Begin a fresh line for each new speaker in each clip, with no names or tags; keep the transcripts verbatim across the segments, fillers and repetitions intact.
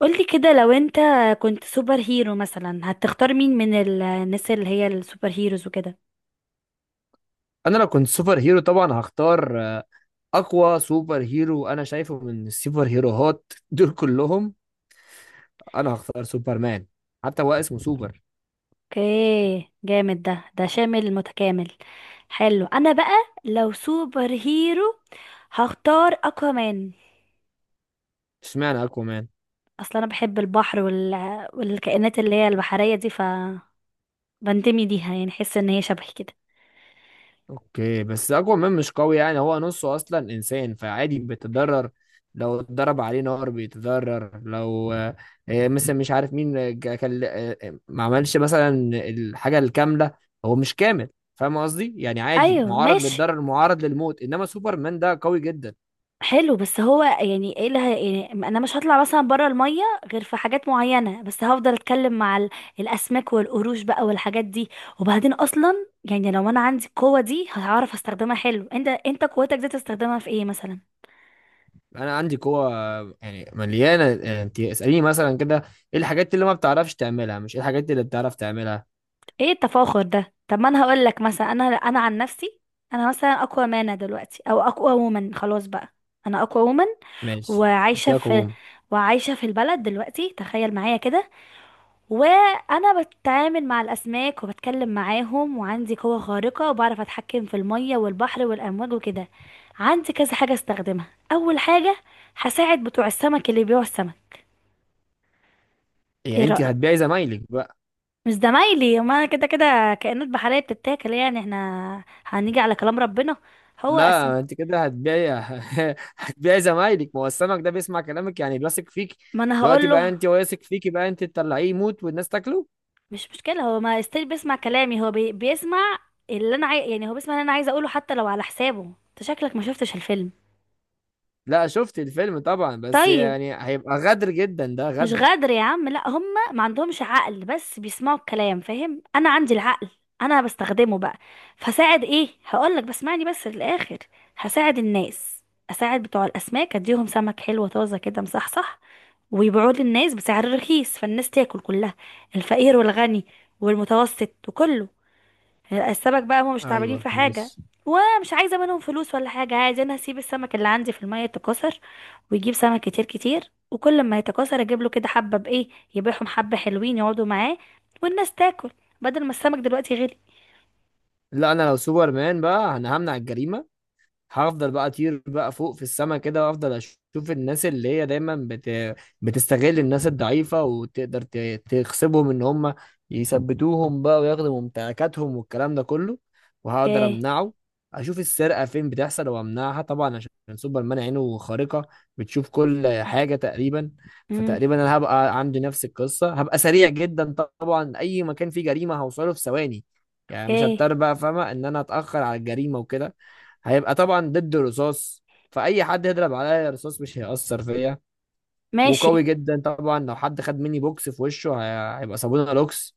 قولي كده. لو انت كنت سوبر هيرو مثلا هتختار مين من ال- الناس اللي هي السوبر هيروز وكده؟
انا لو كنت سوبر هيرو طبعا هختار آه، اقوى سوبر هيرو انا شايفه من السوبر هيروهات دول كلهم. انا هختار سوبر مان، حتى هو اسمه سوبر.
اوكي، جامد. ده ده شامل متكامل، حلو. انا بقى لو سوبر هيرو هختار اكوامان.
اشمعنى اقوى مان؟
اصلا انا بحب البحر وال... والكائنات اللي هي البحرية دي، ف بنتمي ليها، يعني حس ان هي شبهي كده.
اوكي، بس اقوى مان مش قوي، يعني هو نصه اصلا انسان، فعادي بيتضرر. لو اتضرب عليه نار بيتضرر، لو آه، آه، مثلا مش عارف مين آه، جا- كان آه، آه، ما عملش مثلا الحاجة الكاملة، هو مش كامل. فاهم قصدي؟ يعني عادي،
ايوه
معرض
ماشي.
للضرر، معرض للموت، انما سوبر مان ده قوي جدا.
حلو، بس هو يعني ايه اللي هي- يعني انا مش هطلع مثلا بره الميه غير في حاجات معينه، بس هفضل اتكلم مع ال- الاسماك والقروش بقى والحاجات دي. وبعدين اصلا يعني لو انا عندي القوه دي هعرف استخدمها. حلو، انت انت قوتك دي تستخدمها في ايه مثلا؟
انا عندي قوه يعني مليانه، يعني انت اساليني مثلا كده، ايه الحاجات اللي ما بتعرفش تعملها، مش ايه الحاجات اللي بتعرف تعملها.
ايه التفاخر ده؟ طب ما انا هقول لك مثلا، انا انا عن نفسي، انا مثلا اقوى مانا دلوقتي، او اقوى وومن خلاص بقى. انا اقوى وومن،
ماشي،
وعايشه
اديها
في
قوه.
وعايشه في البلد دلوقتي. تخيل معايا كده، وانا بتعامل مع الاسماك وبتكلم معاهم وعندي قوة خارقة وبعرف اتحكم في المية والبحر والامواج وكده. عندي كذا حاجة استخدمها. اول حاجة، هساعد بتوع السمك اللي بيبيعوا السمك. ايه
يعني انت
رأيك؟
هتبيعي زمايلك بقى؟
مش زمايلي، ما أنا كده كده كائنات بحرية بتتاكل، يعني احنا هنيجي على كلام ربنا. هو اسم.
لا انت كده هتبيعي. هتبيعي زمايلك، ما هو السمك ده بيسمع كلامك، يعني بيثق فيك
ما انا
دلوقتي
هقول
بقى،
له،
انت واثق فيكي بقى انت تطلعيه يموت والناس تاكله؟
مش مشكلة، هو ما استيل بيسمع كلامي. هو بي... بيسمع اللي انا عاي... يعني هو بيسمع اللي انا عايزة اقوله، حتى لو على حسابه. انت شكلك ما شفتش الفيلم.
لا شفت الفيلم طبعا، بس
طيب،
يعني هيبقى غدر جدا، ده
مش
غدر.
غدر يا عم، لا هم ما عندهمش عقل بس بيسمعوا الكلام، فاهم؟ انا عندي العقل، انا بستخدمه بقى. فساعد، ايه هقولك، بس اسمعني بس للاخر. هساعد الناس، اساعد بتوع الاسماك، اديهم سمك حلو طازه كده مصحصح ويبيعوه للناس بسعر رخيص، فالناس تاكل كلها، الفقير والغني والمتوسط وكله. السمك بقى هم مش تعبانين
ايوه
في حاجة،
ماشي.
ومش عايزة منهم فلوس ولا حاجة. عايز انا اسيب السمك اللي عندي في المية يتكاثر ويجيب سمك كتير كتير، وكل ما يتكاثر اجيب له كده حبة بايه، يبيعهم حبة، حلوين يقعدوا معاه، والناس تاكل بدل ما السمك دلوقتي غلي.
لا انا لو سوبرمان بقى انا همنع الجريمه، هفضل بقى اطير بقى فوق في السما كده، وافضل اشوف الناس اللي هي دايما بت... بتستغل الناس الضعيفة، وتقدر ت... تخسبهم ان هم يثبتوهم بقى وياخدوا ممتلكاتهم والكلام ده كله، وهقدر
اوكي.
امنعه. اشوف السرقة فين بتحصل وامنعها، طبعا عشان سوبرمان عينه خارقة بتشوف كل حاجة تقريبا.
امم
فتقريبا انا هبقى عندي نفس القصة، هبقى سريع جدا طبعا، اي مكان فيه جريمة هوصله في ثواني، يعني مش
اوكي
هضطر بقى، فاهمة ان انا اتأخر على الجريمة وكده. هيبقى طبعا ضد رصاص، فاي حد يضرب عليا رصاص مش هيأثر فيا.
ماشي.
وقوي جدا طبعا، لو حد خد مني بوكس في وشه هي- هيبقى صابونه لوكس.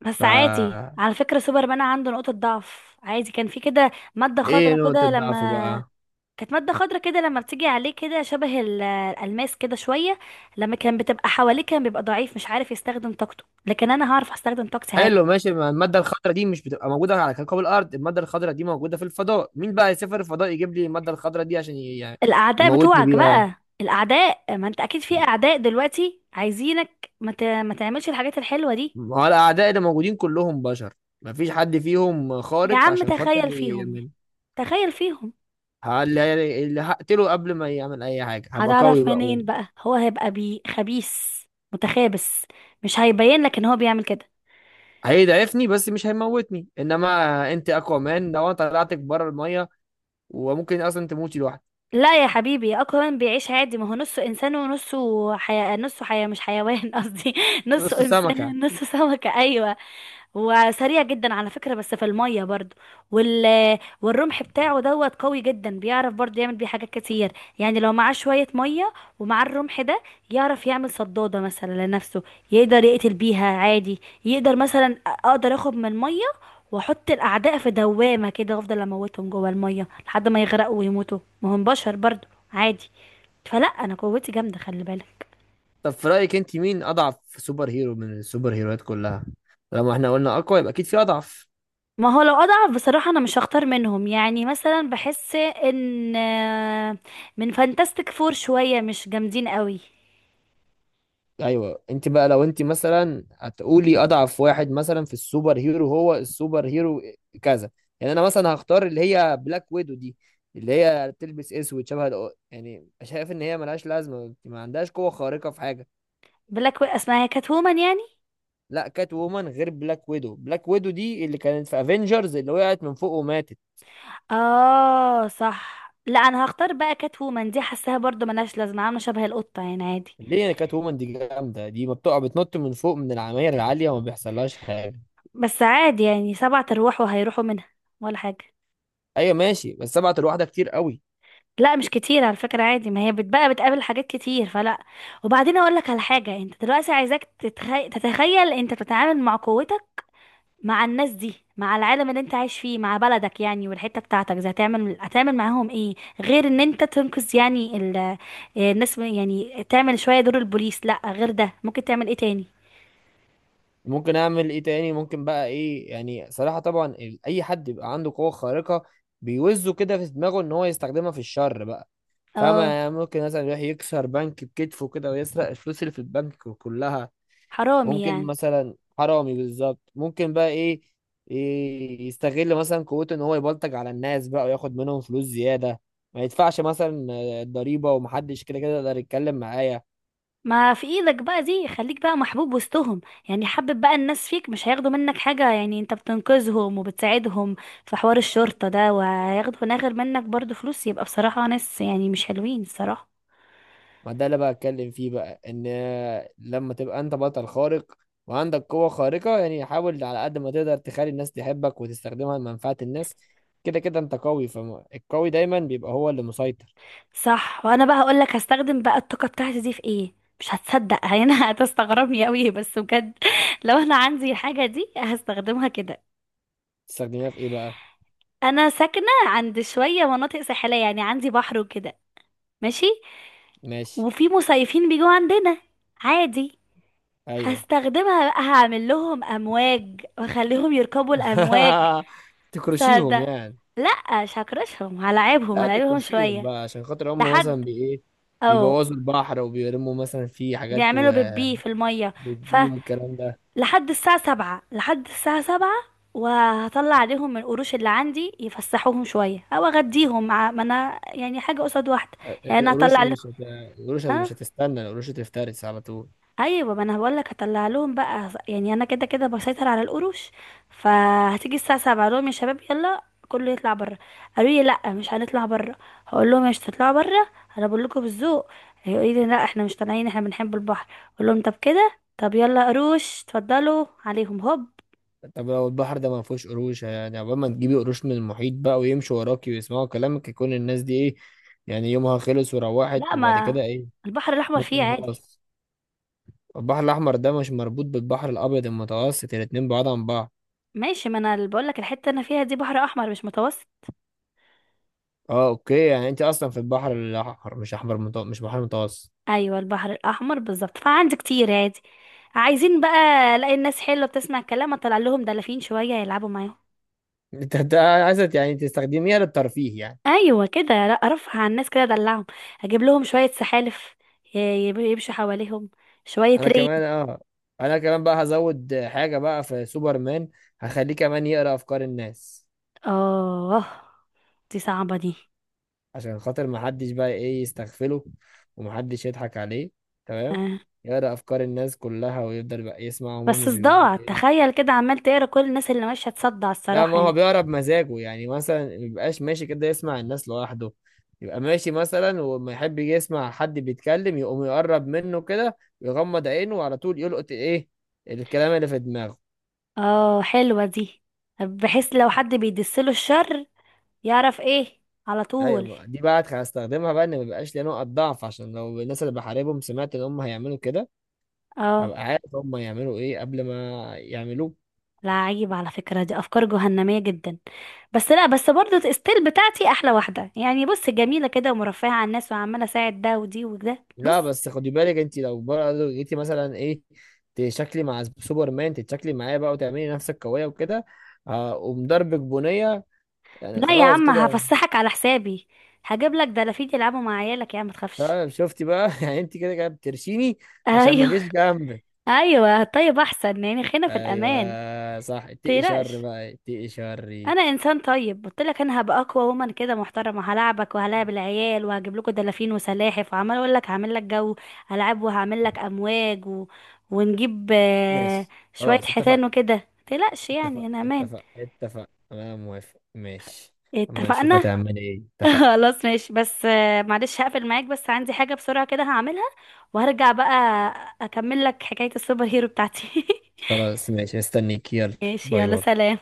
بس عادي
فا
على فكرة، سوبرمان عنده نقطة ضعف عادي. كان في كده مادة
ايه
خضراء
نقطة
كده، لما
ضعفه بقى؟
كانت مادة خضرة كده، لما بتيجي عليه كده شبه ال- الألماس كده شوية، لما كان بتبقى حواليه كان بيبقى ضعيف مش عارف يستخدم طاقته. لكن أنا هعرف أستخدم طاقتي عادي.
حلو ماشي، ما المادة الخضراء دي مش بتبقى موجودة على كوكب الأرض، المادة الخضراء دي موجودة في الفضاء، مين بقى يسافر الفضاء يجيب لي المادة الخضراء دي عشان ي- يعني
الأعداء
يموتني
بتوعك
بيها؟
بقى، الأعداء، ما أنت أكيد في أعداء دلوقتي عايزينك ما, ت... ما تعملش الحاجات الحلوة دي.
ما هو الأعداء اللي موجودين كلهم بشر، مفيش حد فيهم
يا
خارق
عم
عشان خاطر
تخيل فيهم يعني.
يعمل.
تخيل فيهم.
ه- اللي اللي هقتله قبل ما يعمل أي حاجة هبقى قوي
هتعرف
بقى.
منين بقى؟ هو هيبقى بي خبيث متخابس، مش هيبين لك ان هو بيعمل كده.
هيضعفني بس مش هيموتني، انما انت اكوامان لو انا طلعتك بره الميه وممكن اصلا تموتي لوحدك.
لا يا حبيبي، اكوان بيعيش عادي، ما هو نصه انسان ونصه حياة نصه حياة مش حيوان قصدي نصه
نص سمكه.
انسان نصه سمكة. ايوه. هو سريع جدا على فكرة بس في المية برضو، وال... والرمح بتاعه دوت قوي جدا، بيعرف برضو يعمل بيه حاجات كتير. يعني لو معاه شوية مية ومعاه الرمح ده، يعرف يعمل صدادة مثلا لنفسه، يقدر يقتل بيها عادي. يقدر مثلا، اقدر اخد من المية واحط الاعداء في دوامة كده وافضل اموتهم جوه المية لحد ما يغرقوا ويموتوا، ما هم بشر برضو، عادي. فلا انا قوتي جامدة، خلي بالك.
طب في رايك انت مين اضعف سوبر هيرو من السوبر هيروات كلها؟ لما احنا قلنا اقوى يبقى اكيد في اضعف.
ما هو لو اضعف بصراحة، انا مش هختار منهم. يعني مثلا بحس ان آه، من فانتاستيك فور شوية مش جامدين قوي.
ايوه انت بقى لو انت مثلا هتقولي اضعف واحد مثلا في السوبر هيرو، هو السوبر هيرو كذا. يعني انا مثلا هختار اللي هي بلاك ويدو دي، اللي هي بتلبس اسود شبه الأ- يعني شايف ان هي ملهاش لازمه، ما عندهاش قوه خارقه في حاجه.
بلاك وي- اسمها كات وومن يعني.
لا كات وومن غير بلاك ويدو، بلاك ويدو دي اللي كانت في افنجرز اللي وقعت من فوق وماتت.
اه صح، لا انا هختار بقى كات وومن دي، حاساها برضو ملهاش لازمة، عاملة شبه القطة يعني عادي.
ليه يعني؟ كات وومن دي جامده دي، ما بتقع بتنط من فوق من العماير العاليه وما بيحصلهاش حاجه.
بس عادي يعني، سبعة ارواح وهيروحوا منها ولا حاجة.
ايوه ماشي، بس سبعة الواحده كتير قوي.
لا مش كتير على فكرة، عادي، ما هي بتبقى بتقابل حاجات كتير فلا. وبعدين اقول لك على حاجة، انت دلوقتي عايزاك تتخي... تتخيل انت بتتعامل مع قوتك، مع الناس دي، مع العالم اللي انت عايش فيه، مع بلدك يعني والحتة بتاعتك زي، هتعمل هتعمل معاهم ايه، غير ان انت تنقذ يعني ال... الناس من- يعني تعمل شوية دور البوليس؟ لا غير ده، ممكن تعمل ايه تاني؟
ممكن اعمل ايه تاني؟ ممكن بقى ايه؟ يعني صراحه طبعا ال- اي حد يبقى عنده قوه خارقه بيوزه كده في دماغه ان هو يستخدمها في الشر بقى، فاهمة؟
اه
يعني ممكن مثلا يروح يكسر بنك بكتفه كده ويسرق الفلوس اللي في البنك كلها.
حرامي
ممكن
يعني.
مثلا، حرامي بالظبط. ممكن بقى ايه؟ إيه، يستغل مثلا قوته ان هو يبلطج على الناس بقى وياخد منهم فلوس زياده، ما يدفعش مثلا آه، الضريبه، ومحدش كده كده يقدر يتكلم معايا.
ما في ايدك بقى دي، خليك بقى محبوب وسطهم، يعني حبب بقى الناس فيك، مش هياخدوا منك حاجة، يعني انت بتنقذهم وبتساعدهم في حوار الشرطة ده، وهياخدوا ناغر منك برضو فلوس، يبقى بصراحة ناس يعني مش حلوين الصراحة.
ما ده اللي بقى اتكلم فيه بقى، ان آه، لما تبقى انت بطل خارق وعندك قوه خارقه، يعني حاول على قد ما تقدر تخلي الناس تحبك، وتستخدمها لمنفعه الناس. كده كده انت قوي، فالقوي دايما بيبقى هو اللي مسيطر.
صح. وانا بقى هقول لك هستخدم بقى الطاقه بتاعتي دي في ايه. مش هتصدق يعني هتستغربني قوي بس بجد. لو انا عندي الحاجه دي هستخدمها كده.
تستخدمها في ايه بقى؟
انا ساكنه عند شويه مناطق ساحليه، يعني عندي بحر وكده. ماشي.
ماشي.
وفي مصيفين بيجوا عندنا عادي.
ايوه.
هستخدمها بقى، هعمل لهم امواج واخليهم يركبوا الامواج.
تكرشيهم
صدق.
يعني؟
لا مش هكرشهم، هلاعبهم
لا
هلاعبهم
تكرشيهم
شويه.
بقى عشان خاطر هم
لحد،
مثلا بي ايه،
اه،
بيبوظوا البحر وبيرموا مثلا فيه حاجات،
بيعملوا بيبي في الميه،
وبتبي والكلام ده.
لحد الساعة سبعة، لحد الساعة سبعة، وهطلع عليهم من القروش اللي عندي يفسحوهم شوية، أو أغديهم، مع ما أنا يعني حاجة قصاد واحدة. يعني أنا
القروش
هطلع لهم.
مش هت... القروش هت-
أه.
مش هتستنى، القروش هتفترس على طول.
أيوة، ما أنا بقولك هطلع لهم بقى، يعني أنا كده كده بسيطر على القروش. فهتيجي الساعة سبعة أقول لهم يا شباب يلا، كله يطلع بره. قالوا لي لا مش هنطلع بره، هقول لهم مش هتطلعوا بره؟ انا بقول لكم بالذوق. هيقولوا لي لا احنا مش طالعين، احنا بنحب البحر. اقول لهم طب كده، طب يلا قروش اتفضلوا عليهم هوب.
طب لو البحر ده ما فيهوش قروش، يعني عقبال ما تجيبي قروش من المحيط بقى ويمشوا وراكي ويسمعوا كلامك، يكون الناس دي ايه؟ يعني يومها خلص
لا،
وروحت وبعد
ما
كده ايه؟
البحر الاحمر فيه
ممكن
عادي.
خلاص. البحر الأحمر ده مش مربوط بالبحر الأبيض المتوسط، الاتنين بعاد عن بعض.
ماشي، ما انا اللي بقول لك الحته اللي انا فيها دي بحر احمر مش متوسط.
اه اوكي، يعني انت اصلا في البحر الاحمر مش احمر متو... مش بحر متوسط.
ايوه، البحر الاحمر بالظبط، فعندي كتير عادي. عايزين بقى، الاقي الناس حلوه بتسمع الكلام، اطلع لهم دلافين شويه يلعبوا معاهم.
انت انت عايزه يعني تستخدميها للترفيه يعني؟
ايوه كده، لا ارفع عن الناس كده، ادلعهم، اجيب لهم شويه سحالف، ي- يب- يمشوا حواليهم شويه
انا
ري
كمان اه، انا كمان بقى هزود حاجه بقى في سوبرمان، هخليه كمان يقرا افكار الناس
اه. دي صعبه دي.
عشان خاطر ما حدش بقى ايه يستغفله ومحدش يضحك عليه، تمام؟
آه.
يقرا افكار الناس كلها ويفضل بقى يسمعهم
بس
هم بيقولوا
صداع،
ايه.
تخيل كده عمال تقرا كل الناس اللي ماشيه، تصدع
لا ما
الصراحه يعني.
هو بيقرا بمزاجه، يعني مثلا ما بيبقاش ماشي كده يسمع الناس لوحده، يبقى ماشي مثلا وما يحب يجي يسمع حد بيتكلم، يقوم يقرب منه كده ويغمض عينه وعلى طول يلقط ايه الكلام اللي في دماغه.
اه حلوة دي، بحيث لو حد بيدسله الشر يعرف ايه على
ايوه
طول.
بقى، دي بقى هستخدمها بقى ان ما يبقاش ليا نقط ضعف، عشان لو الناس اللي بحاربهم سمعت ان هم هيعملوا كده،
اه.
هبقى عارف هم هيعملوا ايه قبل ما يعملوه.
لا عيب على فكرة، دي افكار جهنمية جدا. بس لا، بس برضو الستيل بتاعتي احلى واحدة، يعني بص جميلة كده ومرفهة على الناس وعمالة اساعد ده ودي وده، بص.
لا بس خدي بالك، انت لو برضه جيتي مثلا ايه، تشكلي مع سوبرمان، تتشكلي معايا بقى وتعملي نفسك قويه وكده، اقوم ضربك بنيه يعني
لا يا
خلاص
عم،
كده.
هفسحك على حسابي، هجيب لك دلافين يلعبوا مع عيالك يا عم، ما تخافش.
فاهم شفتي بقى؟ يعني انت كده كده بترشيني عشان ما
ايوه.
اجيش جنبك.
ايوه طيب، احسن يعني خلينا في الامان.
ايوه صح، اتقي شر
متقلقش،
بقى، اتقي شري.
انا انسان طيب، قلت لك انا هبقى اقوى ومن كده، محترمه، هلاعبك وهلاعب العيال وهجيب لكم دلافين وسلاحف، وعمال اقول لك هعمل لك جو العاب، وهعمل لك امواج و... ونجيب آه،
ماشي.
شويه
خلاص اتفقنا
حيتان وكده، متقلقش يعني،
اتفقنا
انا امان.
اتفقنا اتفقنا، انا موافق، ماشي. اما نشوف
اتفقنا.
هتعمل ايه. اتفقنا.
خلاص ماشي، بس آه، معلش هقفل معاك، بس عندي حاجه بسرعه كده هعملها وهرجع بقى، اكمل لك حكايه السوبر هيرو بتاعتي.
خلاص ماشي، استنيك، يلا.
ماشي
باي
يلا،
باي.
سلام.